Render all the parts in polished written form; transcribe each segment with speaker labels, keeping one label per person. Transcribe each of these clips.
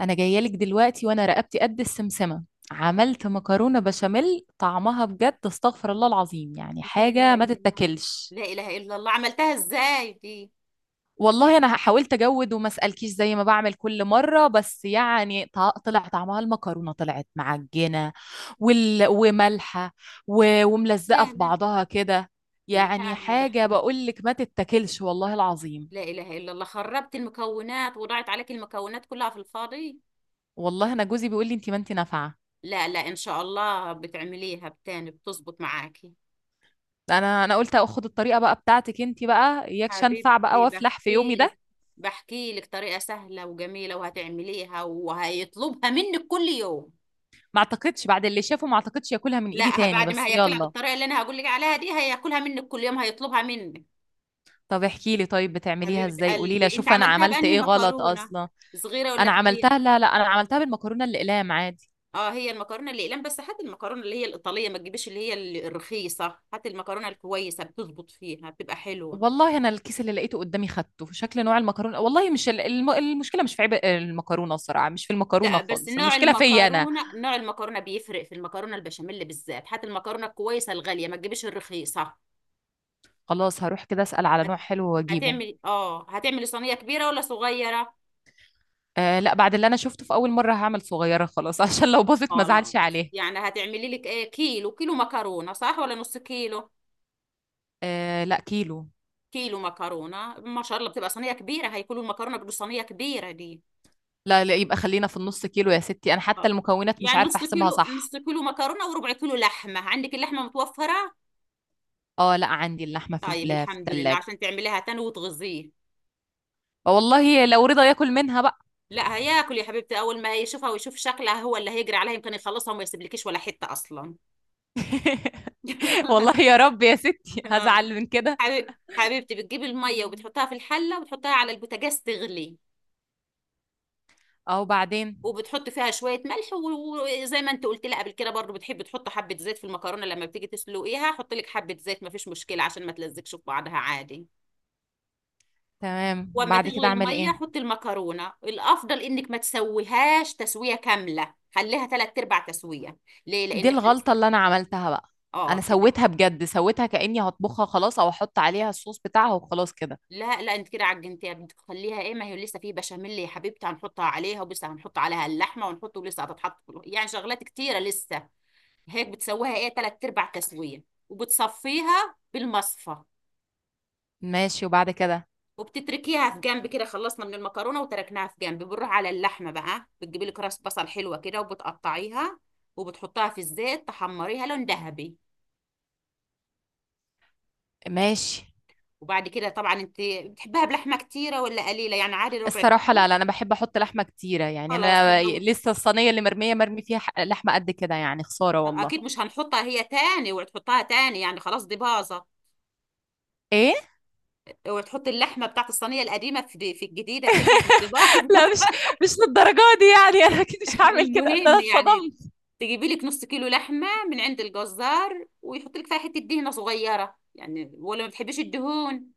Speaker 1: انا جايه لك دلوقتي وانا رقبتي قد السمسمه. عملت مكرونه بشاميل طعمها بجد استغفر الله العظيم، يعني
Speaker 2: لا إله
Speaker 1: حاجه ما
Speaker 2: إلا الله.
Speaker 1: تتاكلش.
Speaker 2: لا إله إلا الله، عملتها إزاي دي؟
Speaker 1: والله انا حاولت اجود وما اسالكيش زي ما بعمل كل مره، بس يعني طلع طعمها المكرونه طلعت معجنه ومالحه وملزقه
Speaker 2: لا،
Speaker 1: في
Speaker 2: لا،
Speaker 1: بعضها كده.
Speaker 2: لا،
Speaker 1: يعني
Speaker 2: أنا
Speaker 1: حاجه
Speaker 2: بحكي.
Speaker 1: بقول لك ما تتاكلش والله العظيم.
Speaker 2: لا إله إلا الله، خربت المكونات وضاعت عليك المكونات كلها في الفاضي.
Speaker 1: والله انا جوزي بيقول لي انت ما انت نافعه.
Speaker 2: لا، لا، إن شاء الله بتعمليها بتاني بتظبط معاكي.
Speaker 1: انا قلت اخد الطريقه بقى بتاعتك انت بقى اياكش انفع بقى
Speaker 2: حبيبتي،
Speaker 1: وافلح في
Speaker 2: بحكي
Speaker 1: يومي
Speaker 2: لك
Speaker 1: ده.
Speaker 2: بحكي لك طريقة سهلة وجميلة وهتعمليها وهيطلبها منك كل يوم.
Speaker 1: ما اعتقدش بعد اللي شافه، ما اعتقدش ياكلها من ايدي
Speaker 2: لا،
Speaker 1: تاني،
Speaker 2: بعد ما
Speaker 1: بس
Speaker 2: هياكلها
Speaker 1: يلا.
Speaker 2: بالطريقة اللي أنا هقول لك عليها دي هياكلها منك كل يوم، هيطلبها منك.
Speaker 1: طب احكي لي طيب، بتعمليها
Speaker 2: حبيبة
Speaker 1: ازاي؟ قولي لي
Speaker 2: قلبي، انت
Speaker 1: اشوف انا
Speaker 2: عملتها
Speaker 1: عملت
Speaker 2: بأنهي
Speaker 1: ايه غلط
Speaker 2: مكرونة؟
Speaker 1: اصلا.
Speaker 2: صغيرة ولا
Speaker 1: انا
Speaker 2: كبيرة؟
Speaker 1: عملتها، لا لا انا عملتها بالمكرونه الاقلام عادي.
Speaker 2: اه، هي المكرونة الأقلام، بس هات المكرونة اللي هي الإيطالية، ما تجيبش اللي هي الرخيصة، هات المكرونة الكويسة بتظبط فيها بتبقى حلوة.
Speaker 1: والله انا الكيس اللي لقيته قدامي خدته شكل نوع المكرونه، والله مش المشكله مش في عيب المكرونه، الصراحه مش في المكرونه
Speaker 2: لا بس
Speaker 1: خالص،
Speaker 2: نوع
Speaker 1: المشكله فيا انا.
Speaker 2: المكرونة، نوع المكرونة بيفرق في المكرونة البشاميل بالذات، هات المكرونة الكويسة الغالية ما تجيبش الرخيصة.
Speaker 1: خلاص هروح كده اسال على
Speaker 2: هت-
Speaker 1: نوع حلو واجيبه.
Speaker 2: هتعملي صينية كبيرة ولا صغيرة؟
Speaker 1: آه لا، بعد اللي انا شفته في اول مره هعمل صغيره خلاص عشان لو باظت ما ازعلش
Speaker 2: خلاص،
Speaker 1: عليها.
Speaker 2: يعني هتعملي لك ايه، كيلو كيلو مكرونة صح ولا نص كيلو؟
Speaker 1: آه لا كيلو.
Speaker 2: كيلو مكرونه ما شاء الله، بتبقى صينيه كبيره، هيكلوا المكرونه، بتبقى صينيه كبيره دي.
Speaker 1: لا لا، يبقى خلينا في النص كيلو يا ستي، انا حتى
Speaker 2: خلاص.
Speaker 1: المكونات مش
Speaker 2: يعني
Speaker 1: عارفه
Speaker 2: نص
Speaker 1: احسبها
Speaker 2: كيلو نص
Speaker 1: صح.
Speaker 2: كيلو مكرونه وربع كيلو لحمه، عندك اللحمه متوفره؟
Speaker 1: اه لا عندي اللحمه في
Speaker 2: طيب،
Speaker 1: في
Speaker 2: الحمد لله،
Speaker 1: الثلاجه.
Speaker 2: عشان تعمليها تاني وتغذيه.
Speaker 1: والله لو رضا ياكل منها بقى.
Speaker 2: لا هياكل يا حبيبتي، اول ما يشوفها ويشوف شكلها هو اللي هيجري عليها، يمكن يخلصها وما يسيبلكيش ولا حته اصلا.
Speaker 1: والله يا رب يا ستي
Speaker 2: آه.
Speaker 1: هزعل من كده.
Speaker 2: حبيبتي، بتجيبي الميه وبتحطها في الحله وبتحطها على البوتاجاز تغلي،
Speaker 1: او بعدين.
Speaker 2: وبتحط فيها شويه ملح، وزي ما انت قلت لي قبل كده برضو بتحب تحط حبه زيت في المكرونه، لما بتيجي تسلقيها حط لك حبه زيت، مفيش مشكله عشان ما تلزقش في بعضها عادي.
Speaker 1: تمام،
Speaker 2: واما
Speaker 1: بعد
Speaker 2: تغلي
Speaker 1: كده اعمل
Speaker 2: الميه
Speaker 1: ايه؟
Speaker 2: حط المكرونه، الافضل انك ما تسويهاش تسويه كامله، خليها ثلاث ارباع تسويه. ليه؟
Speaker 1: دي
Speaker 2: لان احنا لسه
Speaker 1: الغلطه اللي انا عملتها بقى.
Speaker 2: اه
Speaker 1: انا
Speaker 2: بدك.
Speaker 1: سويتها بجد سويتها كاني هطبخها خلاص، او احط عليها الصوص بتاعها وخلاص كده.
Speaker 2: لا، لا، انت كده عجنتيها، بدك تخليها ايه؟ ما هي لسه في بشاميل يا حبيبتي، هنحطها عليها، ولسه هنحط عليها اللحمه ونحط، ولسه هتتحط في الوصفة. يعني شغلات كتيره لسه. هيك بتسويها ايه، تلات ارباع تسويه، وبتصفيها بالمصفى،
Speaker 1: ماشي، وبعد كده؟
Speaker 2: وبتتركيها في جنب كده. خلصنا من المكرونه وتركناها في جنب، بنروح على اللحمه بقى، بتجيبي لك راس بصل حلوه كده وبتقطعيها وبتحطها في الزيت تحمريها لون ذهبي.
Speaker 1: ماشي.
Speaker 2: وبعد كده طبعا انت بتحبها بلحمه كتيره ولا قليله؟ يعني عادي ربع
Speaker 1: الصراحة
Speaker 2: كيلو.
Speaker 1: لا لا، أنا بحب أحط لحمة كتيرة يعني،
Speaker 2: خلاص.
Speaker 1: أنا لسه الصينية اللي مرمية مرمي فيها لحمة قد كده يعني، خسارة والله.
Speaker 2: اكيد مش هنحطها هي تاني وتحطها تاني، يعني خلاص دي باظه،
Speaker 1: إيه؟
Speaker 2: وتحط اللحمه بتاعت الصينيه القديمه في الجديده تاني، دي باظه.
Speaker 1: لا، مش للدرجة دي. يعني انا اكيد مش هعمل كده، ده انا
Speaker 2: المهم يعني
Speaker 1: اتصدمت.
Speaker 2: تجيبي لك نص كيلو لحمة من عند الجزار، ويحط لك فيها حتة دهنة صغيرة، يعني ولا ما بتحبيش الدهون؟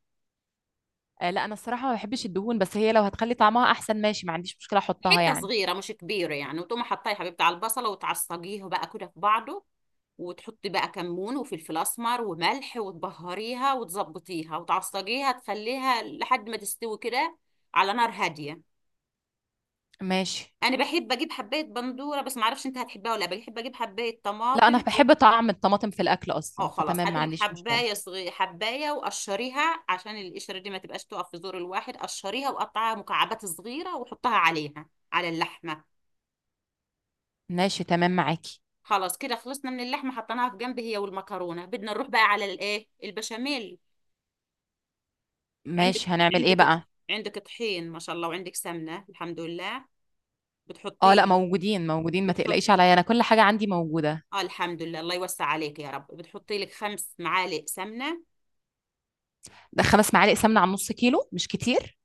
Speaker 1: آه لا، أنا الصراحة ما بحبش الدهون، بس هي لو هتخلي طعمها أحسن ماشي، ما عنديش مشكلة أحطها
Speaker 2: حتة
Speaker 1: يعني.
Speaker 2: صغيرة مش كبيرة يعني، وتقوم حطيها يا حبيبتي على البصلة وتعصجيها بقى كده في بعضه، وتحطي بقى كمون وفلفل اسمر وملح، وتبهريها وتظبطيها وتعصجيها تخليها لحد ما تستوي كده على نار هادية.
Speaker 1: ماشي.
Speaker 2: انا بحب اجيب حبايه بندوره، بس ما اعرفش انت هتحبها ولا لا، بحب اجيب حبايه
Speaker 1: لا
Speaker 2: طماطم.
Speaker 1: أنا بحب طعم الطماطم في الأكل
Speaker 2: اه
Speaker 1: أصلا،
Speaker 2: خلاص،
Speaker 1: فتمام
Speaker 2: هاتي
Speaker 1: ما
Speaker 2: لك
Speaker 1: عنديش مشكلة.
Speaker 2: حبايه صغيره، حبايه وقشريها عشان القشره دي ما تبقاش تقف في زور الواحد، قشريها وقطعها مكعبات صغيره وحطها عليها، على اللحمه.
Speaker 1: ماشي تمام معاكي.
Speaker 2: خلاص كده خلصنا من اللحمه، حطيناها في جنب هي والمكرونه، بدنا نروح بقى على الايه البشاميل. عندك،
Speaker 1: ماشي هنعمل إيه
Speaker 2: عندك
Speaker 1: بقى؟
Speaker 2: عندك طحين ما شاء الله، وعندك سمنه الحمد لله.
Speaker 1: أه
Speaker 2: بتحطي
Speaker 1: لا
Speaker 2: لك
Speaker 1: موجودين موجودين، ما
Speaker 2: بتحط
Speaker 1: تقلقيش عليا، أنا كل حاجة عندي موجودة.
Speaker 2: اه الحمد لله، الله يوسع عليك يا رب، بتحطي لك 5 معالق سمنه.
Speaker 1: ده 5 معالق سمنة على نص كيلو مش كتير؟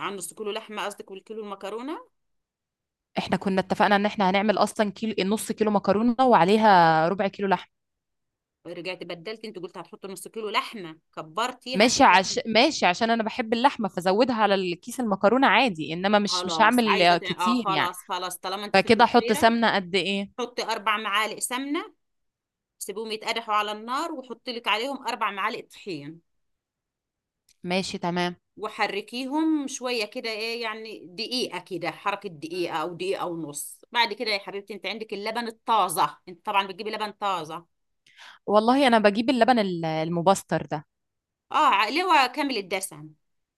Speaker 2: عن نص كيلو لحمه قصدك، والكيلو المكرونه؟
Speaker 1: احنا كنا اتفقنا ان احنا هنعمل اصلا كيلو، نص كيلو مكرونه وعليها ربع كيلو لحم.
Speaker 2: رجعت بدلت، انت قلت هتحط نص كيلو لحمه، كبرتيها انت
Speaker 1: ماشي
Speaker 2: تاني.
Speaker 1: ماشي، عشان انا بحب اللحمه فزودها على الكيس المكرونه عادي، انما مش
Speaker 2: خلاص عايزه
Speaker 1: هعمل
Speaker 2: تاني. اه
Speaker 1: كتير يعني.
Speaker 2: خلاص، خلاص طالما انت
Speaker 1: فكده
Speaker 2: فلفل
Speaker 1: احط
Speaker 2: صغيره.
Speaker 1: سمنه قد ايه؟
Speaker 2: حطي 4 معالق سمنه، سيبيهم يتقدحوا على النار، وحطي لك عليهم 4 معالق طحين،
Speaker 1: ماشي تمام.
Speaker 2: وحركيهم شويه كده، ايه يعني دقيقه كده، حركه دقيقه او دقيقه ونص. بعد كده يا حبيبتي، انت عندك اللبن الطازه؟ انت طبعا بتجيبي لبن طازه.
Speaker 1: والله انا بجيب اللبن المبستر ده.
Speaker 2: اللي هو كامل الدسم.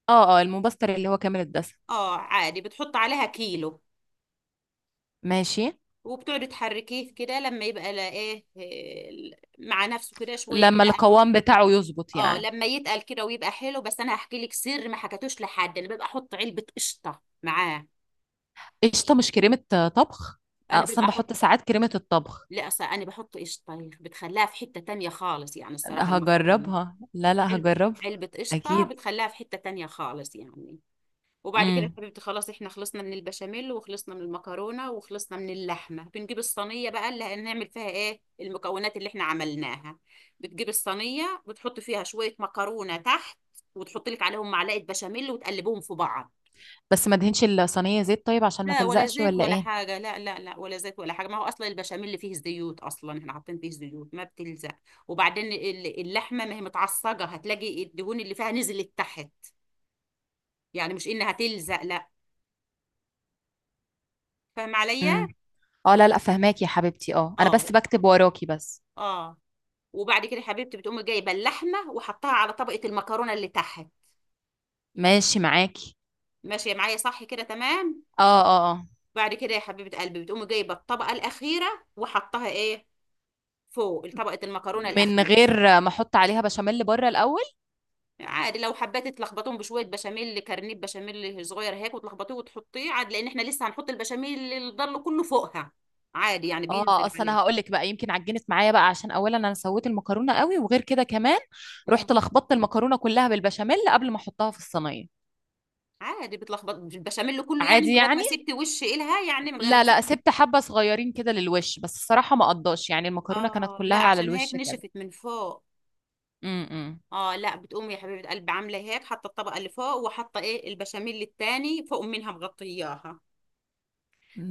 Speaker 1: اه اه، المبستر اللي هو كامل الدسم.
Speaker 2: اه عادي، بتحط عليها كيلو،
Speaker 1: ماشي.
Speaker 2: وبتقعدي تحركيه كده لما يبقى لاقاه، آه، مع نفسه كده شويه كده
Speaker 1: لما
Speaker 2: قهوه.
Speaker 1: القوام بتاعه يظبط
Speaker 2: اه،
Speaker 1: يعني.
Speaker 2: لما يتقل كده ويبقى حلو، بس انا هحكي لك سر ما حكيتوش لحد، انا ببقى احط علبه قشطه معاه.
Speaker 1: قشطه مش كريمه طبخ؟
Speaker 2: انا ببقى
Speaker 1: اصلا
Speaker 2: احط
Speaker 1: بحط ساعات كريمه الطبخ.
Speaker 2: لا أصل انا بحط قشطه بتخليها في حته تانية خالص، يعني الصراحه المكرونه.
Speaker 1: هجربها، لا لا
Speaker 2: علبه
Speaker 1: هجربها.
Speaker 2: علبه قشطه
Speaker 1: اكيد.
Speaker 2: بتخليها في حته تانية خالص يعني. وبعد كده يا
Speaker 1: امم.
Speaker 2: حبيبتي، خلاص احنا خلصنا من البشاميل وخلصنا من المكرونة وخلصنا من اللحمة، بنجيب الصينية بقى اللي هنعمل فيها ايه المكونات اللي احنا عملناها. بتجيب الصينية، بتحط فيها شوية مكرونة تحت وتحط لك عليهم معلقة بشاميل وتقلبهم في بعض.
Speaker 1: بس ما دهنش الصينية زيت طيب عشان ما
Speaker 2: لا ولا
Speaker 1: تلزقش
Speaker 2: زيت
Speaker 1: ولا
Speaker 2: ولا
Speaker 1: ايه؟
Speaker 2: حاجة، لا، لا، لا، ولا زيت ولا حاجة، ما هو أصلا البشاميل اللي فيه زيوت، أصلا احنا حاطين فيه زيوت ما بتلزق. وبعدين اللحمة ما هي متعصجة، هتلاقي الدهون اللي فيها نزلت تحت، يعني مش إنها تلزق لا. فاهم عليا؟
Speaker 1: امم. اه لا لا فهماكي يا حبيبتي، اه انا بس
Speaker 2: اه.
Speaker 1: بكتب وراكي بس.
Speaker 2: اه. وبعد كده يا حبيبتي، بتقومي جايبه اللحمه وحطها على طبقه المكرونه اللي تحت.
Speaker 1: ماشي معاكي.
Speaker 2: ماشيه معايا صح كده تمام.
Speaker 1: اه اه اه.
Speaker 2: بعد كده يا حبيبه قلبي، بتقومي جايبه الطبقه الاخيره وحطها ايه، فوق طبقه المكرونه
Speaker 1: من
Speaker 2: الاخيره.
Speaker 1: غير ما احط عليها بشاميل بره الاول؟
Speaker 2: عادي لو حبيت تلخبطهم بشويه بشاميل، كرنيب بشاميل صغير هيك وتلخبطيه وتحطيه عادي، لان احنا لسه هنحط البشاميل اللي ضل كله فوقها عادي، يعني
Speaker 1: اه،
Speaker 2: بينزل
Speaker 1: اصل انا
Speaker 2: عليه.
Speaker 1: هقول لك بقى يمكن عجنت معايا بقى عشان اولا انا سويت المكرونه قوي، وغير كده كمان
Speaker 2: امم
Speaker 1: رحت لخبطت المكرونه كلها بالبشاميل قبل ما احطها في الصينيه.
Speaker 2: عادي بتلخبط البشاميل كله يعني،
Speaker 1: عادي
Speaker 2: من غير ما
Speaker 1: يعني.
Speaker 2: سبت وش إلها، يعني من غير ما
Speaker 1: لا
Speaker 2: سبت.
Speaker 1: لا سبت حبه صغيرين كده للوش، بس الصراحه ما قضاش يعني المكرونه كانت
Speaker 2: اه لا
Speaker 1: كلها على
Speaker 2: عشان
Speaker 1: الوش
Speaker 2: هيك
Speaker 1: كده.
Speaker 2: نشفت من فوق.
Speaker 1: امم.
Speaker 2: اه لا، بتقوم يا حبيبه قلبي عامله هيك، حاطه الطبقه اللي فوق، وحاطه ايه البشاميل التاني فوق منها مغطياها.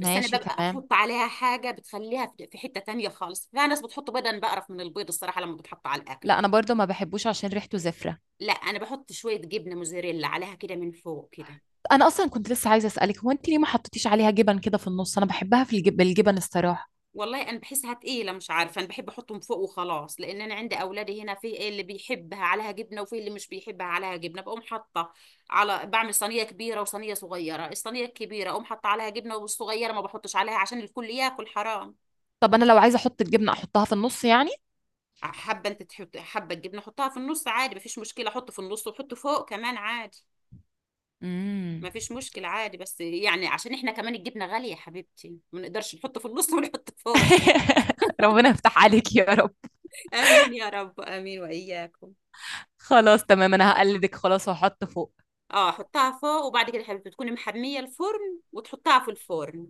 Speaker 2: بس انا ببقى
Speaker 1: تمام.
Speaker 2: احط عليها حاجه بتخليها في حته تانية خالص، فيها ناس بتحط بيض، انا بقرف من البيض الصراحه لما بتحط على الاكل.
Speaker 1: لا انا برضه ما بحبوش عشان ريحته زفره.
Speaker 2: لا، انا بحط شويه جبنه موزاريلا عليها كده من فوق كده.
Speaker 1: انا اصلا كنت لسه عايزه اسالك، هو انت ليه ما حطيتيش عليها جبن كده في النص؟ انا بحبها في بالجبن الصراحه.
Speaker 2: والله انا بحسها تقيله، مش عارفه، انا بحب احطهم فوق وخلاص، لان انا عندي اولادي هنا في إيه اللي بيحبها عليها جبنه وفي اللي مش بيحبها عليها جبنه، بقوم حاطه على بعمل صينيه كبيره وصينيه صغيره، الصينيه الكبيره اقوم حاطه عليها جبنه، والصغيره ما بحطش عليها عشان الكل ياكل حرام.
Speaker 1: طب انا لو عايزه احط الجبنه احطها في النص يعني؟
Speaker 2: حابه انت تحط، حابه الجبنه حطها في النص عادي مفيش مشكله، حط في النص وحط فوق كمان عادي.
Speaker 1: امم.
Speaker 2: مفيش مشكله عادي، بس يعني عشان احنا كمان الجبنه غاليه يا حبيبتي ما نقدرش نحط في النص ونحط فوق.
Speaker 1: ربنا يفتح عليك يا رب.
Speaker 2: امين يا رب، امين واياكم.
Speaker 1: خلاص تمام، انا هقلدك خلاص واحط فوق.
Speaker 2: اه، حطها فوق، وبعد كده يا حبيبتي تكوني محميه الفرن وتحطها في الفرن،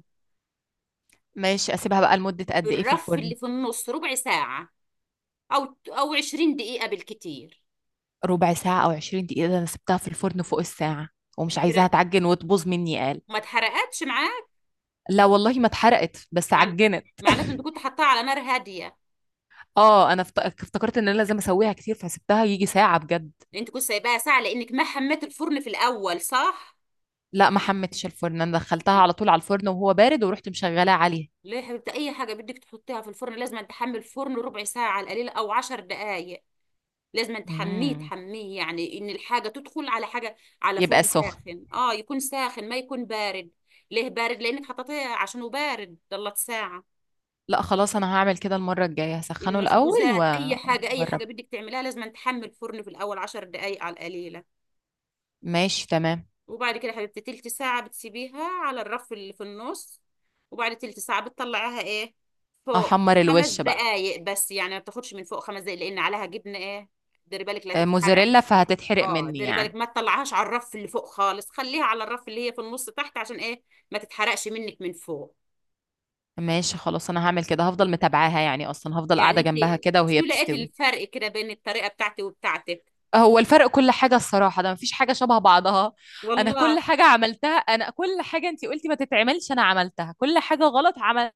Speaker 1: ماشي، اسيبها بقى لمده
Speaker 2: في
Speaker 1: قد ايه في
Speaker 2: الرف
Speaker 1: الفرن؟
Speaker 2: اللي في النص، ربع ساعه، او او 20 دقيقه بالكتير.
Speaker 1: ربع ساعه او 20 دقيقه؟ ده انا سبتها في الفرن فوق الساعه، ومش عايزاها
Speaker 2: كده
Speaker 1: تعجن وتبوظ مني قال.
Speaker 2: ما اتحرقتش معاك.
Speaker 1: لا والله ما اتحرقت بس
Speaker 2: مع...
Speaker 1: عجنت.
Speaker 2: معناته انت كنت حطاها على نار هاديه.
Speaker 1: اه انا افتكرت ان انا لازم اسويها كتير فسبتها يجي ساعه بجد.
Speaker 2: يعني انت كنت سايباها ساعه، لانك ما حميت الفرن في الاول صح؟
Speaker 1: لأ ما حمّيتش الفرن، أنا دخّلتها على طول على الفرن وهو بارد ورُحت مشغّلاه عليه.
Speaker 2: ليه يا حبيبتي، اي حاجه بدك تحطيها في الفرن لازم تحمي الفرن ربع ساعه على القليل، او 10 دقائق، لازم تحميه،
Speaker 1: إمم.
Speaker 2: تحميه يعني ان الحاجه تدخل على حاجه، على
Speaker 1: يبقى
Speaker 2: فرن
Speaker 1: سُخن.
Speaker 2: ساخن، اه يكون ساخن ما يكون بارد. ليه بارد؟ لانك حطيتيه عشانه بارد ضلت ساعه.
Speaker 1: لأ خلاص أنا هاعمل كده المرّة الجاية، هاسخّنه الأول
Speaker 2: المخبوزات اي حاجه، اي حاجه
Speaker 1: وأجرّبه.
Speaker 2: بدك تعمليها لازم تحمي الفرن في الاول 10 دقائق على القليله.
Speaker 1: ماشي تمام.
Speaker 2: وبعد كده يا حبيبتي تلت ساعه بتسيبيها على الرف اللي في النص، وبعد تلت ساعه بتطلعيها ايه، فوق.
Speaker 1: أحمّر
Speaker 2: خمس
Speaker 1: الوِش بقى.
Speaker 2: دقائق بس يعني، ما بتاخدش من فوق خمس دقائق، لان عليها جبنه ايه، ديري بالك لا تتحرق.
Speaker 1: موتزاريلا فهتتحرق
Speaker 2: اه
Speaker 1: منّي
Speaker 2: ديري بالك،
Speaker 1: يعني.
Speaker 2: ما تطلعهاش على الرف اللي فوق خالص، خليها على الرف اللي هي في النص تحت، عشان ايه؟ ما تتحرقش منك من فوق.
Speaker 1: ماشي خلاص أنا هاعمل كده، هافضل متابعاها يعني أصلًا، هافضل
Speaker 2: يعني
Speaker 1: قاعدة
Speaker 2: انت
Speaker 1: جنبها كده
Speaker 2: شو
Speaker 1: وهي
Speaker 2: لقيت
Speaker 1: بتستوي.
Speaker 2: الفرق كده بين الطريقة بتاعتي وبتاعتك؟
Speaker 1: هو الفرق كل حاجة الصراحة، ده مفيش حاجة شبه بعضها. أنا كل
Speaker 2: والله.
Speaker 1: حاجة عملتها، أنا كل حاجة أنتي قلتي ما تتعملش أنا عملتها، كل حاجة غلط عملتها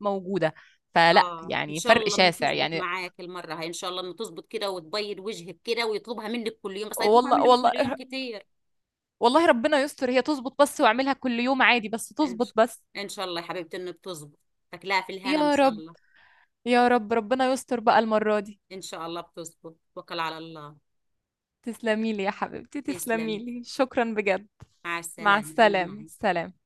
Speaker 1: موجودة، فلا
Speaker 2: اه، ان
Speaker 1: يعني
Speaker 2: شاء
Speaker 1: فرق
Speaker 2: الله انه
Speaker 1: شاسع
Speaker 2: تظبط
Speaker 1: يعني.
Speaker 2: معاك المرة هاي، ان شاء الله انه تظبط كده وتبيض وجهك كده، ويطلبها منك كل يوم، بس هيطلبها
Speaker 1: والله
Speaker 2: منك
Speaker 1: والله.
Speaker 2: كل يوم كتير.
Speaker 1: والله ربنا يستر هي تظبط بس وأعملها كل يوم عادي، بس
Speaker 2: ان
Speaker 1: تظبط
Speaker 2: شاء
Speaker 1: بس.
Speaker 2: ان شاء الله يا حبيبتي انه بتظبط، تاكلها في الهنا ان
Speaker 1: يا
Speaker 2: شاء
Speaker 1: رب.
Speaker 2: الله.
Speaker 1: يا رب ربنا يستر بقى المرة دي.
Speaker 2: ان شاء الله بتظبط، توكل على الله.
Speaker 1: تسلميلي يا حبيبتي
Speaker 2: تسلمي،
Speaker 1: تسلميلي، شكرا بجد.
Speaker 2: مع
Speaker 1: مع
Speaker 2: السلامة، الله
Speaker 1: السلامة
Speaker 2: معك.
Speaker 1: سلام.